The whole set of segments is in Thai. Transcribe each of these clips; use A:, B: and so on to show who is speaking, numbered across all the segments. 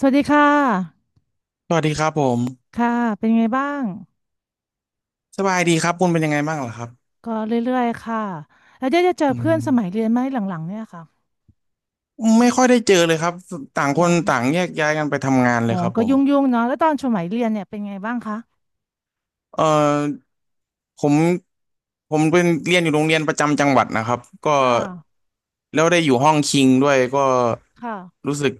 A: สวัสดีค่ะ
B: สวัสดีครับผม
A: ค่ะเป็นไงบ้าง
B: สบายดีครับคุณเป็นยังไงบ้างเหรอครับ
A: ก็เรื่อยๆค่ะ แล้วได้จะเจอ
B: อื
A: เพื่
B: ม
A: อนสมัยเรียนไหมหลังๆเนี่ยค่ะ
B: ไม่ค่อยได้เจอเลยครับต่าง
A: เหร
B: คน
A: อ
B: ต่างแยกย้ายกันไปทำงาน
A: อ๋
B: เล
A: อ
B: ยครับ
A: ก็
B: ผม
A: ยุ่งๆเนาะแล้วตอนสมัยเรียนเนี่ยเป็นไงบ้างคะ
B: เอ่อผมผมเป็นเรียนอยู่โรงเรียนประจำจังหวัดนะครับก็
A: ค่ะ
B: แล้วได้อยู่ห้องคิงด้วยก็
A: ค่ะ
B: รู้สึก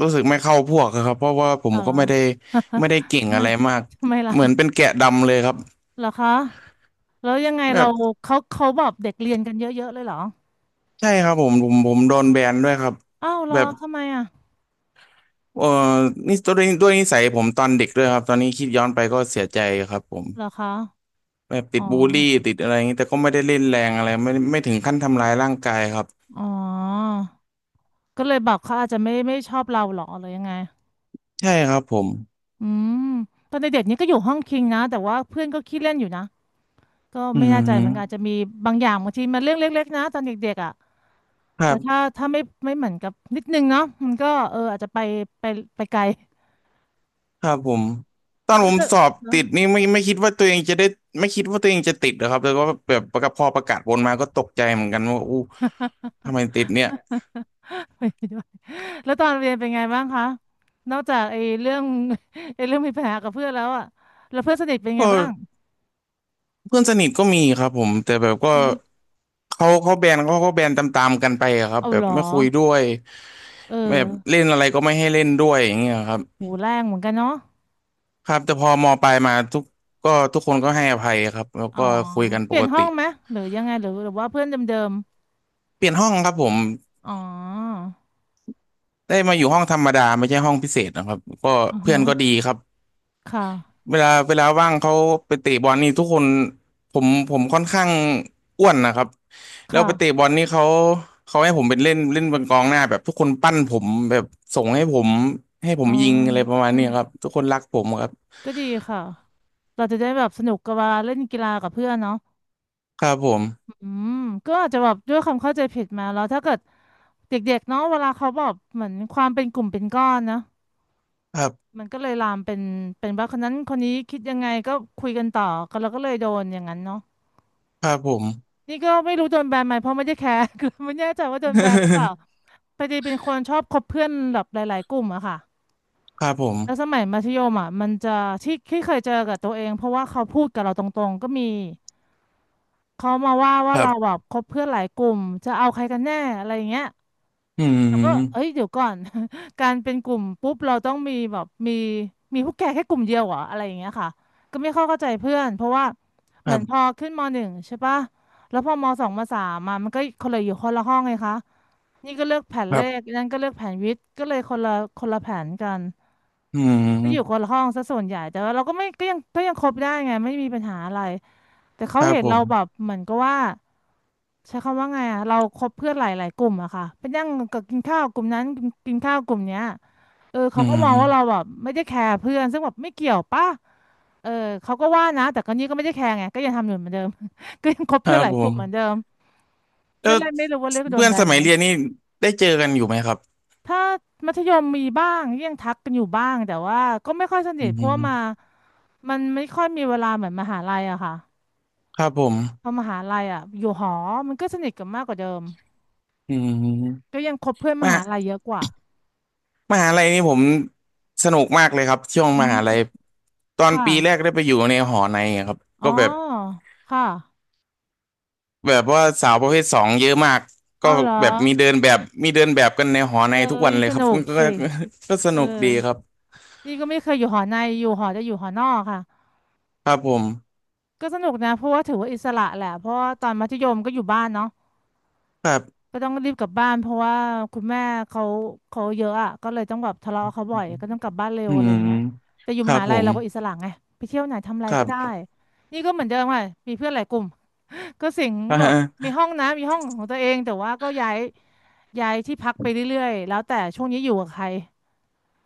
B: รู้สึกไม่เข้าพวกอะครับเพราะว่าผม
A: เอาเหร
B: ก็
A: อ
B: ไม่ได้เก่ ง
A: ทำไม
B: อะไรมาก
A: ทำไมล่ะ
B: เหมือนเป็นแกะดำเลยครับ
A: เหรอคะแล้วยังไงเรา
B: แบบ
A: เขาบอกเด็กเรียนกันเยอะๆเลยเหรอ
B: ใช่ครับผมโดนแบนด้วยครับ
A: อ้าวเหร
B: แบ
A: อ
B: บ
A: ทำไมอ่ะ
B: เอ่อนี่ด้วยนิสัยผมตอนเด็กด้วยครับตอนนี้คิดย้อนไปก็เสียใจครับผม
A: เหรอคะ
B: แบบติ
A: อ๋อ
B: ดบูลลี่ติดอะไรอย่างนี้แต่ก็ไม่ได้เล่นแรงอะไรไม่ถึงขั้นทำร้ายร่างกายครับ
A: อ๋อก็เลยบอกเขาอาจจะไม่ชอบเราเหรอหรือยังไง
B: ใช่ครับผม
A: อืมตอนเด็กๆนี่ก็อยู่ห้องคิงนะแต่ว่าเพื่อนก็ขี้เล่นอยู่นะก็
B: อื
A: ไม่แน่ใจเหมือนกันอาจจะ
B: ม
A: มีบางอย่างบางทีมันเรื่องเล็กๆนะตอนเด็กๆอ่ะ
B: ครั
A: แต่ถ้า
B: บ
A: ถ้าไม่เหมือนกับนิดนึงเนาะมันก็เอออาจจะไปไปไกล
B: ครับผมตอน
A: แล้
B: ผ
A: ว
B: ม
A: จะ
B: สอบ
A: เนาะ
B: ติดนี่ไม่คิดว่าตัวเองจะได้ไม่คิดว่าตัวเองจะติดนะครับแล้วก็แบบพอประกาศผลมาก็ตกใจเหมือนกันว่าอู้ทำไมติดเนี่ย
A: ไปด้วยแล้วตอนเรียนเป็นไงบ้างคะนอกจากไอ้เรื่องมีปัญหากับเพื่อนแล้วอ่ะแล้วเพื่อนสนิทเป็นไง
B: ก็
A: บ้าง
B: เพื่อนสนิทก็มีครับผม แต่แบบก็
A: ฮะ
B: เขาแบนเขาก็แบนตามๆกันไปอะครับ
A: เอา
B: แบ
A: เห
B: บ
A: รอ
B: ไม่คุยด้วย
A: เออ
B: แบบเล่นอะไรก็ไม่ให้เล่นด้วยอย่างเงี้ยครับ
A: หูแรงเหมือนกันเนาะ
B: ครับแต่พอมปลายมาทุกคนก็ให้อภัยครับแล้ว
A: อ๋อ
B: ก็คุยกัน
A: เป
B: ป
A: ลี่ยน
B: ก
A: ห้อ
B: ติ
A: งไหมหรือยังไงหรือว่าเพื่อนเดิม
B: เปลี่ยนห้องครับผม
A: ๆอ๋อ
B: ได้มาอยู่ห้องธรรมดาไม่ใช่ห้องพิเศษนะครับก็
A: อือ
B: เพื่
A: ฮึ
B: อนก็ดีครับ
A: ค่ะ
B: เวลาว่างเขาไปเตะบอลนี่ทุกคนผมค่อนข้างอ้วนนะครับแล้วไปเตะบ
A: ค่ะ
B: อลนี่เขาให้ผมเป็นเล่นเล่นเป็นกองหน้าแบบทุกคนปั้นผมแบบส่งให้ผมให้ผ
A: อ๋
B: ม
A: อ
B: ยิงอะไรประมาณนี้ครับทุกคนรักผมครับ
A: ก็ดีค่ะ เราจะได้แบบสนุกกับเวลาเล่นกีฬากับเพื่อนเนาะ
B: ครับผม
A: อืมก็อาจจะแบบด้วยความเข้าใจผิดมาแล้วถ้าเกิดเด็กๆเนาะเวลาเขาแบบเหมือนความเป็นกลุ่มเป็นก้อนนะ
B: ครับ
A: มันก็เลยลามเป็นว่าคนนั้นคนนี้คิดยังไงก็คุยกันต่อก็เราก็เลยโดนอย่างนั้นเนาะ
B: ครับผม
A: นี่ก็ไม่รู้โดนแบนไหมเพราะไม่ได้แคร์ คือไม่แน่ใจว่าโดนแบนหรือเปล่า พอดีเป็นคนชอบคบเพื่อนแบบหลายๆกลุ่มอะค่ะ
B: ครับผม
A: แล้วสมัยมัธยมอ่ะมันจะที่เคยเจอกับตัวเองเพราะว่าเขาพูดกับเราตรงๆก็มีเขามาว่า
B: ครั
A: เราแบ
B: บ
A: บคบเพื่อนหลายกลุ่มจะเอาใครกันแน่อะไรอย่างเงี้ย
B: อื
A: แล้วก็เอ้
B: ม
A: ยเดี๋ยวก่อน การเป็นกลุ่มปุ๊บเราต้องมีแบบมีพวกแกแค่กลุ่มเดียวเหรออะไรอย่างเงี้ยค่ะก็ไม่เข้าใจเพื่อนเพราะว่า
B: ค
A: เหมื
B: รั
A: อนพอ
B: บ
A: ขึ้นมหนึ่งใช่ปะแล้วพอมสองมสามมามันก็คนละอยู่คนละห้องไงคะนี่ก็เลือกแผน
B: ค
A: เล
B: รั
A: ข
B: บ
A: นั่นก็เลือกแผนวิทย์ก็เลยคนละแผนกัน
B: อื
A: ก็อยู่คน
B: ม
A: ละห้องซะส่วนใหญ่แต่ว่าเราก็ไม่ก็ยังคบได้ไงไม่มีปัญหาอะไรแต่เขา
B: ครับ
A: เห็น
B: ผ
A: เราแบบ
B: ม
A: เหมือนก็ว่าใช้คำว่าไงอะเราคบเพื่อนหลายๆกลุ่มอะค่ะไปนั่งกับกินข้าวกลุ่มนั้นกินกินข้าวกลุ่มเนี้ยเออ
B: อื
A: เขาก็มองว่าเรา
B: ม
A: แบบไม่ได้แคร์เพื่อนซึ่งแบบไม่เกี่ยวป่ะเออเขาก็ว่านะแต่ก็นี่ก็ไม่ได้แคร์ไงก็ยังทำอยู่เหมือนเดิม ก็ยังคบ
B: ครั
A: เพื่อน
B: บ
A: หลาย
B: ผ
A: กลุ่
B: ม
A: มเหมือนเดิม
B: แล้
A: ก็
B: ว
A: เลยไม่รู้ว่าเลือกโดน
B: เพื่อน
A: แบ
B: ส
A: นไห
B: มั
A: ม
B: ยเรียนนี่ได้เจอกันอยู่ไหมครับ
A: ถ้ามัธยมมีบ้างยังทักกันอยู่บ้างแต่ว่าก็ไม่ค่อยสนิ
B: อื
A: ทเพราะว่ามา
B: ม
A: มันไม่ค่อยมีเวลาเหมือนมหาลัยอะค่ะ
B: ครับผม
A: พอมหาลัยอะอยู่หอมันก็สนิทกันมากกว่าเดิม
B: อืม
A: ก็ยังคบเพื่อนม
B: ม
A: หา
B: หา
A: ลัยเยอะกว่า
B: มหาลัยนี่ผมสนุกมากเลยครับช่วงม
A: อื
B: หา
A: ม
B: ลัยตอ
A: ค
B: นปีแรก
A: ่ะ
B: ได้ไปอยู่ในหอในอะครับ
A: อ๋
B: ก็
A: อ
B: แบบ
A: ค่ะ
B: แบบว่าสาวประเภทสองเยอะมาก
A: อ๋
B: ก็
A: อเหรอ
B: แบบมีเดินแบบกันในหอ
A: เอ
B: ใน
A: อ
B: ทุกวันเลย
A: ส
B: ครั
A: นุ
B: บ
A: ก
B: ก็
A: สิ
B: ก็ส
A: เออ
B: นุกดีครับ
A: นี่ก็ไม่เคยอยู่หอในอยู่หอจะอยู่หอนอกค่ะ
B: ครับผม
A: ก็สนุกนะเพราะว่าถือว่าอิสระแหละเพราะว่าตอนมัธยมก็อยู่บ้านเนาะ
B: ครับ
A: ก็ต้องรีบกลับบ้านเพราะว่าคุณแม่เขาเขาเยอะอ่ะก็เลยต้องแบบทะเลาะกับเขาบ่อยก็ต้องกลับบ้านเร็ว
B: อื
A: อะไร
B: ม
A: อย่างเงี้ยแต่อยู่
B: ค
A: ม
B: รับ
A: หา
B: ผ
A: ลัย
B: ม
A: เราก็อิสระไงไปเที่ยวไหนทำอะไร
B: ครั
A: ก็ได้
B: บ
A: นี่ก็เหมือนเดิมค่ะมีเพื่อนหลายกลุ่ม ก็สิง
B: อ่า
A: แบบ
B: ฮะ
A: มีห้องนะมีห้องของตัวเองแต่ว่าก็ย้ายที่พักไปเรื่อยๆแล้วแต่ช่วงนี้อยู่กับใคร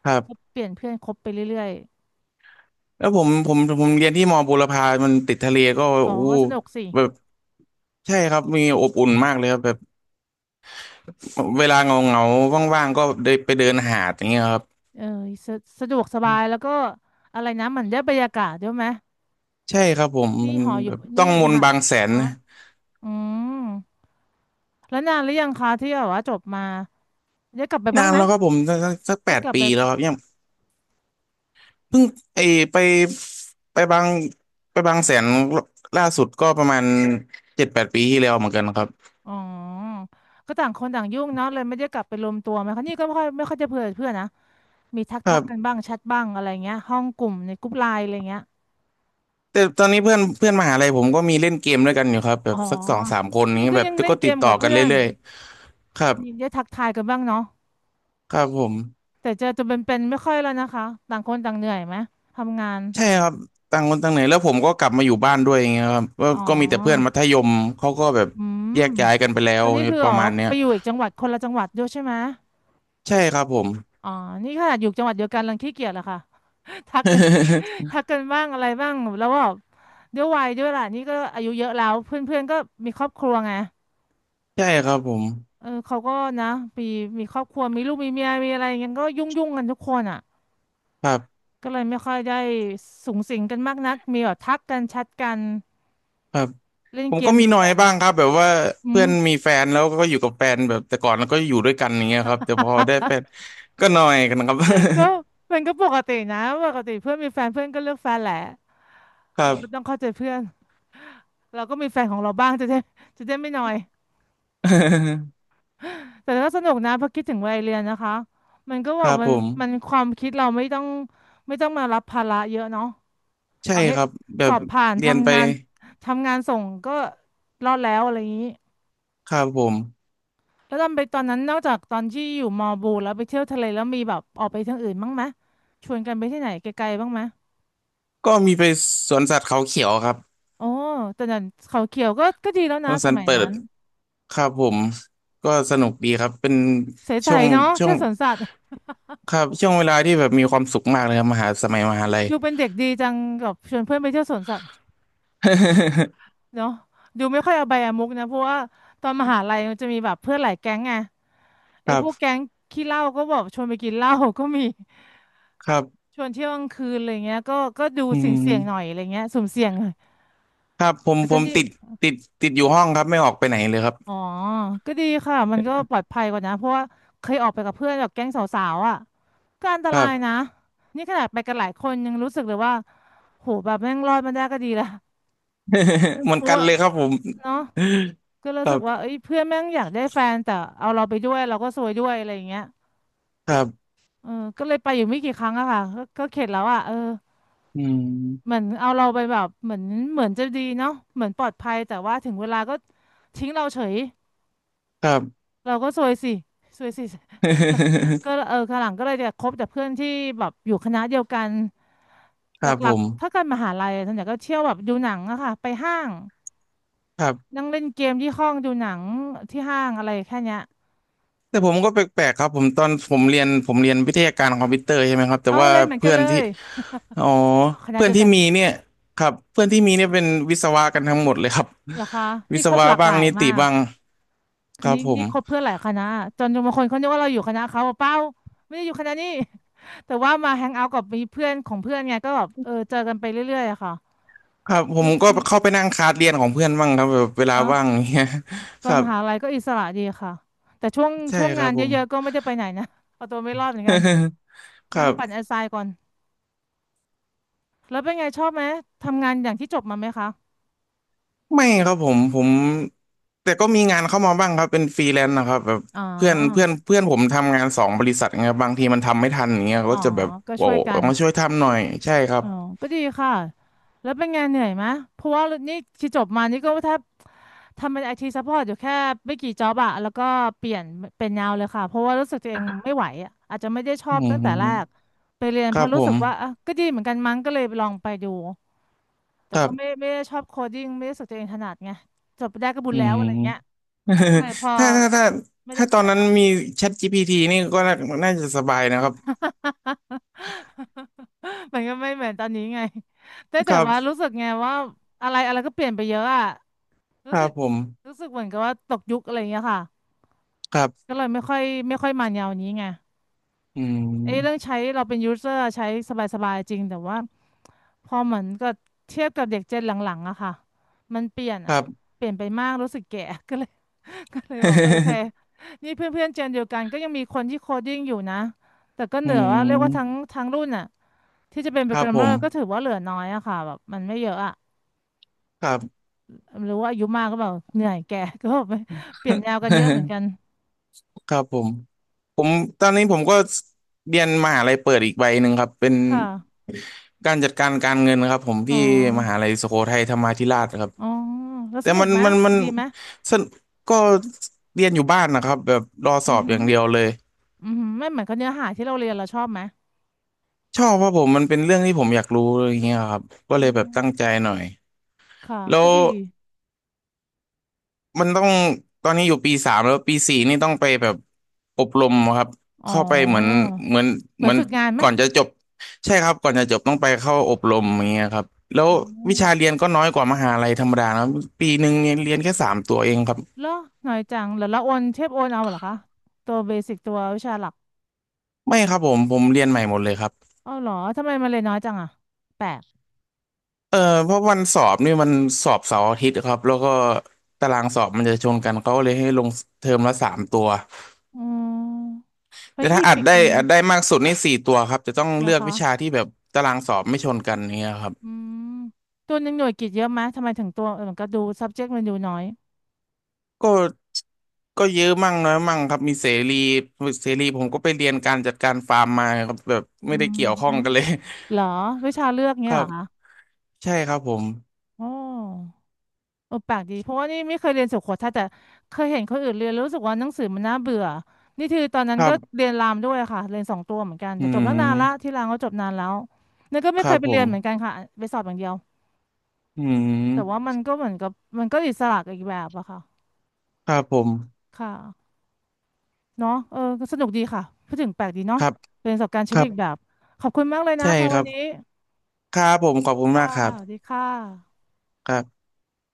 B: ครั
A: ก็
B: บ
A: เปลี่ยนเพื่อนคบไปเรื่อย
B: แล้วผมเรียนที่มอบุรพามันติดทะเลก็
A: ๆอ๋อ
B: อู้
A: สนุกสิ
B: แบบใช่ครับมีอบอุ่นมากเลยครับแบบเวลาเงาเงาว่างๆก็เดินไปเดินหาดอย่างเงี้ยครับ
A: เออสะสะดวกสบายแล้วก็อะไรนะเหมือนได้บรรยากาศด้วยไหม
B: ใช่ครับผม
A: นี่
B: มัน
A: หออ
B: แบ
A: ยู่
B: บต้
A: นี่
B: องม
A: ม
B: นต์
A: หา
B: บางแสน
A: ฮะ
B: นะ
A: อืม แล้วนานหรือยังคะที่แบบว่าจบมาได้กลับไป
B: นา
A: บ้าง
B: น
A: ไหม
B: แล้วครับผมสักแป
A: ได้
B: ด
A: กลับ
B: ปี
A: ไป
B: แล้วครับยังเพิ่งไอไปไปบางไปบางแสนล่าสุดก็ประมาณ7-8 ปีที่แล้วเหมือนกันครับ
A: อ๋อก็ต่างคนต่างยุ่งเนาะเลยไม่ได้กลับไปรวมตัวไหมคะนี่ก็ไม่ค่อยจะเพื่อนเพื่อนนะมีทักกันบ้างแชทบ้างอะไรเงี้ยห้องกลุ่มในกลุ่มไลน์อะไรเงี้ย
B: แต่ตอนนี้เพื่อนเพื่อนมหาลัยผมก็มีเล่นเกมด้วยกันอยู่ครับแบ
A: อ๋อ
B: บสัก2-3 คน
A: นี่
B: นี้ย
A: ก็
B: แบบ
A: ยังเล่น
B: ก็
A: เก
B: ติด
A: ม
B: ต่อ
A: กับ
B: กัน
A: เพื่อน
B: เรื่อยๆครับ
A: มีได้ทักทายกันบ้างเนาะ
B: ครับผม
A: แต่เจอตัวเป็นๆไม่ค่อยแล้วนะคะต่างคนต่างเหนื่อยไหมทำงาน
B: ใช่ครับต่างคนต่างไหนแล้วผมก็กลับมาอยู่บ้านด้วยอย่างเงี้ยครับก็
A: อ๋
B: ก็มีแต่เพื่อน
A: อ
B: มัธยมเขาก็แบบ
A: อืม
B: แยกย้ายกันไปแล้ว
A: วันนี้คือ
B: ป
A: อ๋
B: ระ
A: อ
B: มาณเนี้ย
A: ไปอยู่อีกจังหวัดคนละจังหวัดด้วยใช่ไหม
B: ใช่ครับผม
A: อ๋อนี่ขนาดอยู่จังหวัดเดียวกันรังขี้เกียจเหรอคะ ทักกัน ทักกันบ้างอะไรบ้างแล้ว่าบด้วยวัยด้วยล่ะนี่ก็อายุเยอะแล้วเพื่อนๆก็มีครอบครัวไง
B: ใช่ครับผม
A: เออเขาก็นะมีมีครอบครัวมีลูกมีเมียมีอะไรอย่างเงี้ยก็ยุ่งกันทุกคนอ่ะ
B: ครับ
A: ก็เลยไม่ค่อยได้สุงสิงกันมากนักมีแบบทักกันแชทกัน
B: ครับ
A: เล่น
B: ผม
A: เก
B: ก็
A: ม
B: มี
A: เดียว
B: หน่อย
A: กัน
B: บ้างครับแบบว่า
A: อื
B: เพื่
A: ม
B: อนมีแฟนแล้วก็อยู่กับแฟนแบบแต่ก่อนแล้วก็อยู่ด้วยกันอย่างเงี้ยครับแต่พอได้แฟน ก็หน่อยกันครับ
A: ก็มันก็ปกตินะปกติเพื่อนมีแฟนเพื่อนก็เลือกแฟนแหละ
B: ค
A: เราก็
B: รั
A: ต้องเข้าใจเพื่อนเราก็มีแฟนของเราบ้างจะได้จะได้ไม่นอย
B: บ
A: แต่ก็สนุกนะพอคิดถึงวัยเรียนนะคะมันก็บ
B: ค
A: อก
B: รับ
A: มั
B: ผ
A: น
B: ม
A: มันความคิดเราไม่ต้องมารับภาระเยอะเนาะ
B: ใช่
A: เอาให้
B: ครับแบ
A: สอ
B: บ
A: แบบบผ่าน
B: เรียนไป
A: ทำงานทำงานส่งก็รอดแล้วอะไรอย่างนี้
B: ครับผม
A: แล้วตอนไปตอนนั้นนอกจากตอนที่อยู่มอบูแล้วไปเที่ยวทะเลแล้วมีแบบออกไปทางอื่นบ้างไหมชวนกันไปที่ไหนไกลๆบ้างไหม
B: ก็มีไปสวนสัตว์เขาเขียวครับ
A: โอ้แต่นั้นเขาเขียวก็ดีแล้ว
B: ส
A: นะ
B: วน
A: ส
B: สัต
A: มั
B: ว์
A: ย
B: เปิ
A: นั้
B: ด
A: น
B: ครับผมก็สนุกดีครับเป็น
A: ใส
B: ช่วง
A: ๆเนาะ
B: ช่ว
A: เที่ย
B: ง
A: วสวนสัตว์
B: ครับช่วงเวลาที่แบบมีความสุขมากเลยครับมหาสมัยมหาลัย
A: อยู่เป็นเด็กดีจังกับชวนเพื่อนไปเที่ยวสวนสัตว์ เนาะดูไม่ค่อยเอาใบอะมุกนะเพราะว่าตอนมหาลัยมันจะมีแบบเพื่อนหลายแก๊งไง
B: ค
A: ไอ้
B: รั
A: พ
B: บ
A: วกแก๊งขี้เหล้าก็บอกชวนไปกินเหล้าก็มี
B: ครับ
A: ชวนเที่ยวกลางคืนอะไรเงี้ยก็ดู
B: อื
A: เสี่ยงหน่อย
B: ม
A: อะไรเงี้ยสุ่มเสี่ยงหน่อย
B: ครับผม
A: แต่
B: ผ
A: ก็
B: ม
A: ดี
B: ติดติดอยู่ห้องครับไม่ออกไปไหนเลยครับ
A: อ๋อก็ดีค่ะมันก็ปลอดภัยกว่านะเพราะว่าเคยออกไปกับเพื่อนแบบแก๊งสาวๆอ่ะก็อันต
B: ครั
A: ราย
B: บ
A: นะนี่ขนาดไปกันหลายคนยังรู้สึกเลยว่าโหแบบแม่งรอดมาได้ก็ดีละ
B: เหมือ
A: เพ
B: น
A: ราะ
B: กัน
A: ว่า
B: เลยครับผม
A: เนาะก็รู้
B: ครั
A: สึกว่า
B: บ
A: เอ้ยเพื่อนแม่งอยากได้แฟนแต่เอาเราไปด้วยเราก็ซวยด้วยอะไรอย่างเงี้ย
B: ครับ
A: เออก็เลยไปอยู่ไม่กี่ครั้งอะค่ะก็เข็ดแล้วอะเออ
B: อื
A: เหมื
B: ม
A: อนเอาเราไปแบบเหมือนเหมือนจะดีเนาะเหมือนปลอดภัยแต่ว่าถึงเวลาก็ทิ้งเราเฉย
B: ครับ
A: เราก็ซวยสิซวยสิ เราก็เออข้างหลังก็เลยจะคบแต่เพื่อนที่แบบอยู่คณะเดียวกัน
B: ค
A: ห
B: รับผ
A: ลักๆถ้า
B: ม
A: กันมหาลัยอะส่วนใหญ่ก็เที่ยวแบบดูหนังอะค่ะไปห้าง
B: ครับ
A: นั่งเล่นเกมที่ห้องดูหนังที่ห้างอะไรแค่เนี้ย
B: แต่ผมก็แปลกๆครับผมตอนผมเรียนวิทยาการคอมพิวเตอร์ใช่ไหมครับแต่
A: เอา
B: ว่า
A: เลยเหมือนกั
B: เพื่
A: น
B: อ
A: เล
B: นที่
A: ย
B: อ๋อ
A: คณะ
B: เพื่อ
A: เดี
B: น
A: ยว
B: ที่
A: กัน
B: มีเนี่ยครับเพื่อนที่มีเนี่ยเป็นวิศวะกันทั้งหมดเลยครับ
A: เหรอคะ
B: วิ
A: นี่
B: ศ
A: ครบ
B: วะ
A: หลากห
B: บ้าง
A: ลาย
B: นิติ
A: มาก
B: บ้าง
A: ค
B: ค
A: ณะ
B: รับ
A: นี้
B: ผ
A: นี่
B: ม
A: คบเพื่อนหลายคณะจนบางคนเขานึกว่าเราอยู่คณะเขาบอกเปล่าไม่ได้อยู่คณะนี้ แต่ว่ามาแฮงเอาท์กับมีเพื่อนของเพื่อนไงก็แบบเออเจอกันไปเรื่อยๆอะค่ะ
B: ครับผ
A: นี่
B: มก็
A: นี่
B: เข้าไปนั่งคลาสเรียนของเพื่อนบ้างครับแบบเวลา
A: เนาะ
B: ว่างเนี่ย
A: ต
B: ค
A: อน
B: รั
A: ม
B: บ
A: หาลัยก็อิสระดีค่ะแต่ช่วง
B: ใช่
A: ช่วง
B: ค
A: งา
B: รั
A: น
B: บผ
A: เย
B: ม
A: อะๆก็ไม่ได้ไปไหนนะ เอาตัวไม่รอดเหมือนกัน
B: ค
A: นั่ง
B: รั
A: ปั่น
B: บ
A: แอสไซน์ก่อนแล้วเป็นไงชอบไหมทำงานอย่างที่จบมาไหมคะ
B: ไม่ครับผมแต่ก็มีงานเข้ามาบ้างครับเป็นฟรีแลนซ์นะครับแบบ
A: อ๋อ
B: เพื่อนเพื่อนเพื่อนผมทำงาน2 บริษัทไงบางทีมันทำไม่ทันอย่างเงี้ย
A: อ๋อ
B: ก็จะแบบ
A: ก็
B: โอ้
A: ช่วยกัน
B: มาช่วยทำหน่อยใช่ครั
A: อ๋
B: บ
A: อก็ดีค่ะ แล้วเป็นไงเหนื่อยไหมเพราะว่านี่ที่จบมานี่ก็แทบทำเป็นไอทีซัพพอร์ตอยู่แค่ไม่กี่จ็อบอะแล้วก็เปลี่ยนเป็นแนวเลยค่ะเพราะว่ารู้สึกตัวเองไม่ไหวอะอาจจะไม่ได้ชอ
B: อื
A: บตั้งแต่แรก
B: ม
A: ไปเรียน
B: ค
A: เพ
B: รั
A: ราะ
B: บผ
A: รู้สึ
B: ม
A: กว่าอ่ะก็ดีเหมือนกันมั้งก็เลยลองไปดู แต่
B: ครั
A: ก็ไม่
B: บ
A: ไม่ได้ชอบโคดิ้งไม่ได้รู้สึกตัวเองถนัดไงจบไปได้ก็บุญ
B: อื
A: แล้ว
B: ม
A: อะไรเงี้ยก็ เลยพอ
B: ถ้าถ้าถ้า
A: ไม่ได้
B: ถ้าต
A: ข
B: อน
A: นาด
B: นั้น
A: นั้น
B: มี ChatGPT นี่ก็น่าจะสบายนะครับ
A: มันก็ไม่เหมือนตอนนี้ไงแต่
B: ค
A: แต่
B: รั
A: ว่ารู้
B: บ
A: สึกไงว่าอะไรอะไรก็เปลี่ยนไปเยอะอะ
B: ค
A: รู้
B: รั
A: สึ
B: บ
A: ก
B: ผม
A: รู้สึกเหมือนกับว่าตกยุคอะไรอย่างเงี้ยค่ะ
B: ครับ
A: ก็เลยไม่ค่อยมาแนวนี้ไง
B: อื
A: ไอ้เรื่อง
B: ม
A: ใช้เราเป็นยูเซอร์ใช้สบายๆจริงแต่ว่าพอเหมือนก็เทียบกับเด็กเจนหลังๆอะค่ะมันเปลี่ยน
B: ค
A: อะ
B: รับ
A: เปลี่ยนไปมากรู้สึกแก่ ก็เลยก็เลยบอกเออโอเคนี่เพื่อนๆเจนเดียวกันก็ยังมีคนที่โคดดิ้งอยู่นะแต่ก็ เห
B: อื
A: นือว่าเรียกว่าทั้ง
B: ม
A: ทั้งรุ่นอ่ะ ที่จะเป็นโป
B: ค
A: ร
B: รั
A: แก
B: บ
A: รม
B: ผ
A: เมอ
B: ม
A: ร์ก็ถือว่าเหลือน้อยอะค่ะแบบมันไม่เยอะอะ
B: ครับ
A: หรือว่าอายุมากก็แบบเหนื่อยแก่ ก็แบบเปลี่ยนแนวกันเยอะเหมือนกัน
B: ครับผม ผมตอนนี้ผมก็เรียนมหาลัยเปิดอีกใบหนึ่งครับเป็น
A: ค่ะ
B: การจัดการการเงินครับผม
A: อ๋อ
B: ที่มหาลัยสุโขทัยธรรมาธิราชครับ
A: อ๋อแล้ว
B: แต่
A: สนุ
B: มั
A: ก
B: น
A: ไหม
B: มันมัน
A: ดีไหม
B: สนก็เรียนอยู่บ้านนะครับแบบรอส
A: อื
B: อ
A: อ
B: บอ
A: หือ
B: ย่างเดียวเลย
A: อือหือไม่เหมือนกับเนื้อหาที่เราเรียนเราชอบไหม
B: ชอบเพราะผมมันเป็นเรื่องที่ผมอยากรู้อะไรอย่างเงี้ยครับก็
A: อ๋
B: เลยแบบตั้งใจ
A: อ
B: หน่อย
A: ค่ะ
B: แล้
A: ก็
B: ว
A: ดี
B: มันต้องตอนนี้อยู่ปี 3แล้วปี 4นี่ต้องไปแบบอบรมครับ
A: อ๋อ
B: เข้าไปเหมือน
A: เหมื
B: เห
A: อ
B: มื
A: น
B: อน
A: ฝึกงานไหม
B: ก่อนจะจบใช่ครับก่อนจะจบต้องไปเข้าอบรมอย่างเงี้ยครับแล้ว
A: อ๋อ
B: วิชาเรียนก็น้อยกว่ามหาลัยธรรมดานะปี 1เนี่ยเรียนแค่สามตัวเองครับ
A: เหรอหน่อยจังแล้วเราโอนเทปโอนเอาเหรอคะตัวเบสิกตัววิชาหลัก
B: ไม่ครับผมเรียนใหม่หมดเลยครับ
A: อ้าวเหรอทำไมมันเลยนน้อยจังอะแปลก
B: เออเพราะวันสอบนี่มันสอบเสาร์อาทิตย์ครับแล้วก็ตารางสอบมันจะชนกันเขาก็เลยให้ลงเทอมละสามตัว
A: อ๋อเฮ้
B: แต่
A: ย
B: ถ้า
A: กี่ปีกันนี้
B: อัดได้มากสุดนี่4 ตัวครับจะต้อง
A: เหรอ
B: เลือกวิชา
A: คะ
B: ที่แบบตารางสอบไม่ชนกันเงี้ยครับ
A: อืมตัวหนึ่งหน่วยกิตเยอะไหมทำไมถึงตัวเออมันก็ดู subject มันดูน้อย
B: ก็ก็เยอะมั่งน้อยมั่งครับมีเสรีเสรีผมก็ไปเรียนการจัดการฟาร์มมาครับแบบ
A: อื
B: ไม่ได้
A: ม
B: เกี่ยวข้อ
A: ฮึ
B: งกันเลย
A: เหรอ วิชาเลือก
B: ค
A: เงี้ย
B: รั
A: เหร
B: บ
A: อคะ
B: ใช่ครับผม
A: โอ้เออแปลกดี เพราะว่านี่ไม่เคยเรียนสุโขทัยแต่เคยเห็นคนอื่นเรียนแล้วรู้สึกว่าหนังสือมันน่าเบื่อนี่คือตอนนั้
B: ค
A: น
B: รั
A: ก็
B: บ
A: เรียนรามด้วยค่ะ เรียน2 ตัวเหมือนกัน
B: อื
A: แต่จบตั้งนานละ
B: ม
A: ที่รามก็จบนานแล้วนี่ก็
B: ค
A: ไม่เค
B: รับ
A: ยไป
B: ผ
A: เรีย
B: ม
A: นเหมือนกันค่ะไปสอบอย่างเดียว
B: อื
A: แต่ว่า
B: ม
A: มันก็เหมือนกับมันก็อิสระกับอีกแบบอะค่ะ
B: ครับผม
A: ค่ะ เนาะเออก็สนุกดีค่ะพูดถึงแปลกดี
B: ค
A: เนาะ
B: รับ
A: เป็นประสบการณ์ชี
B: ค
A: วิ
B: รั
A: ต
B: บ
A: อีกแบบ ขอบคุณมากเลยนะ
B: ใช่
A: คะ
B: ค
A: วั
B: รั
A: น
B: บ
A: นี้
B: ครับผมขอบคุณ
A: ค่ะ
B: มากครั
A: สวัสดี
B: บ
A: ค่ะ
B: ครับ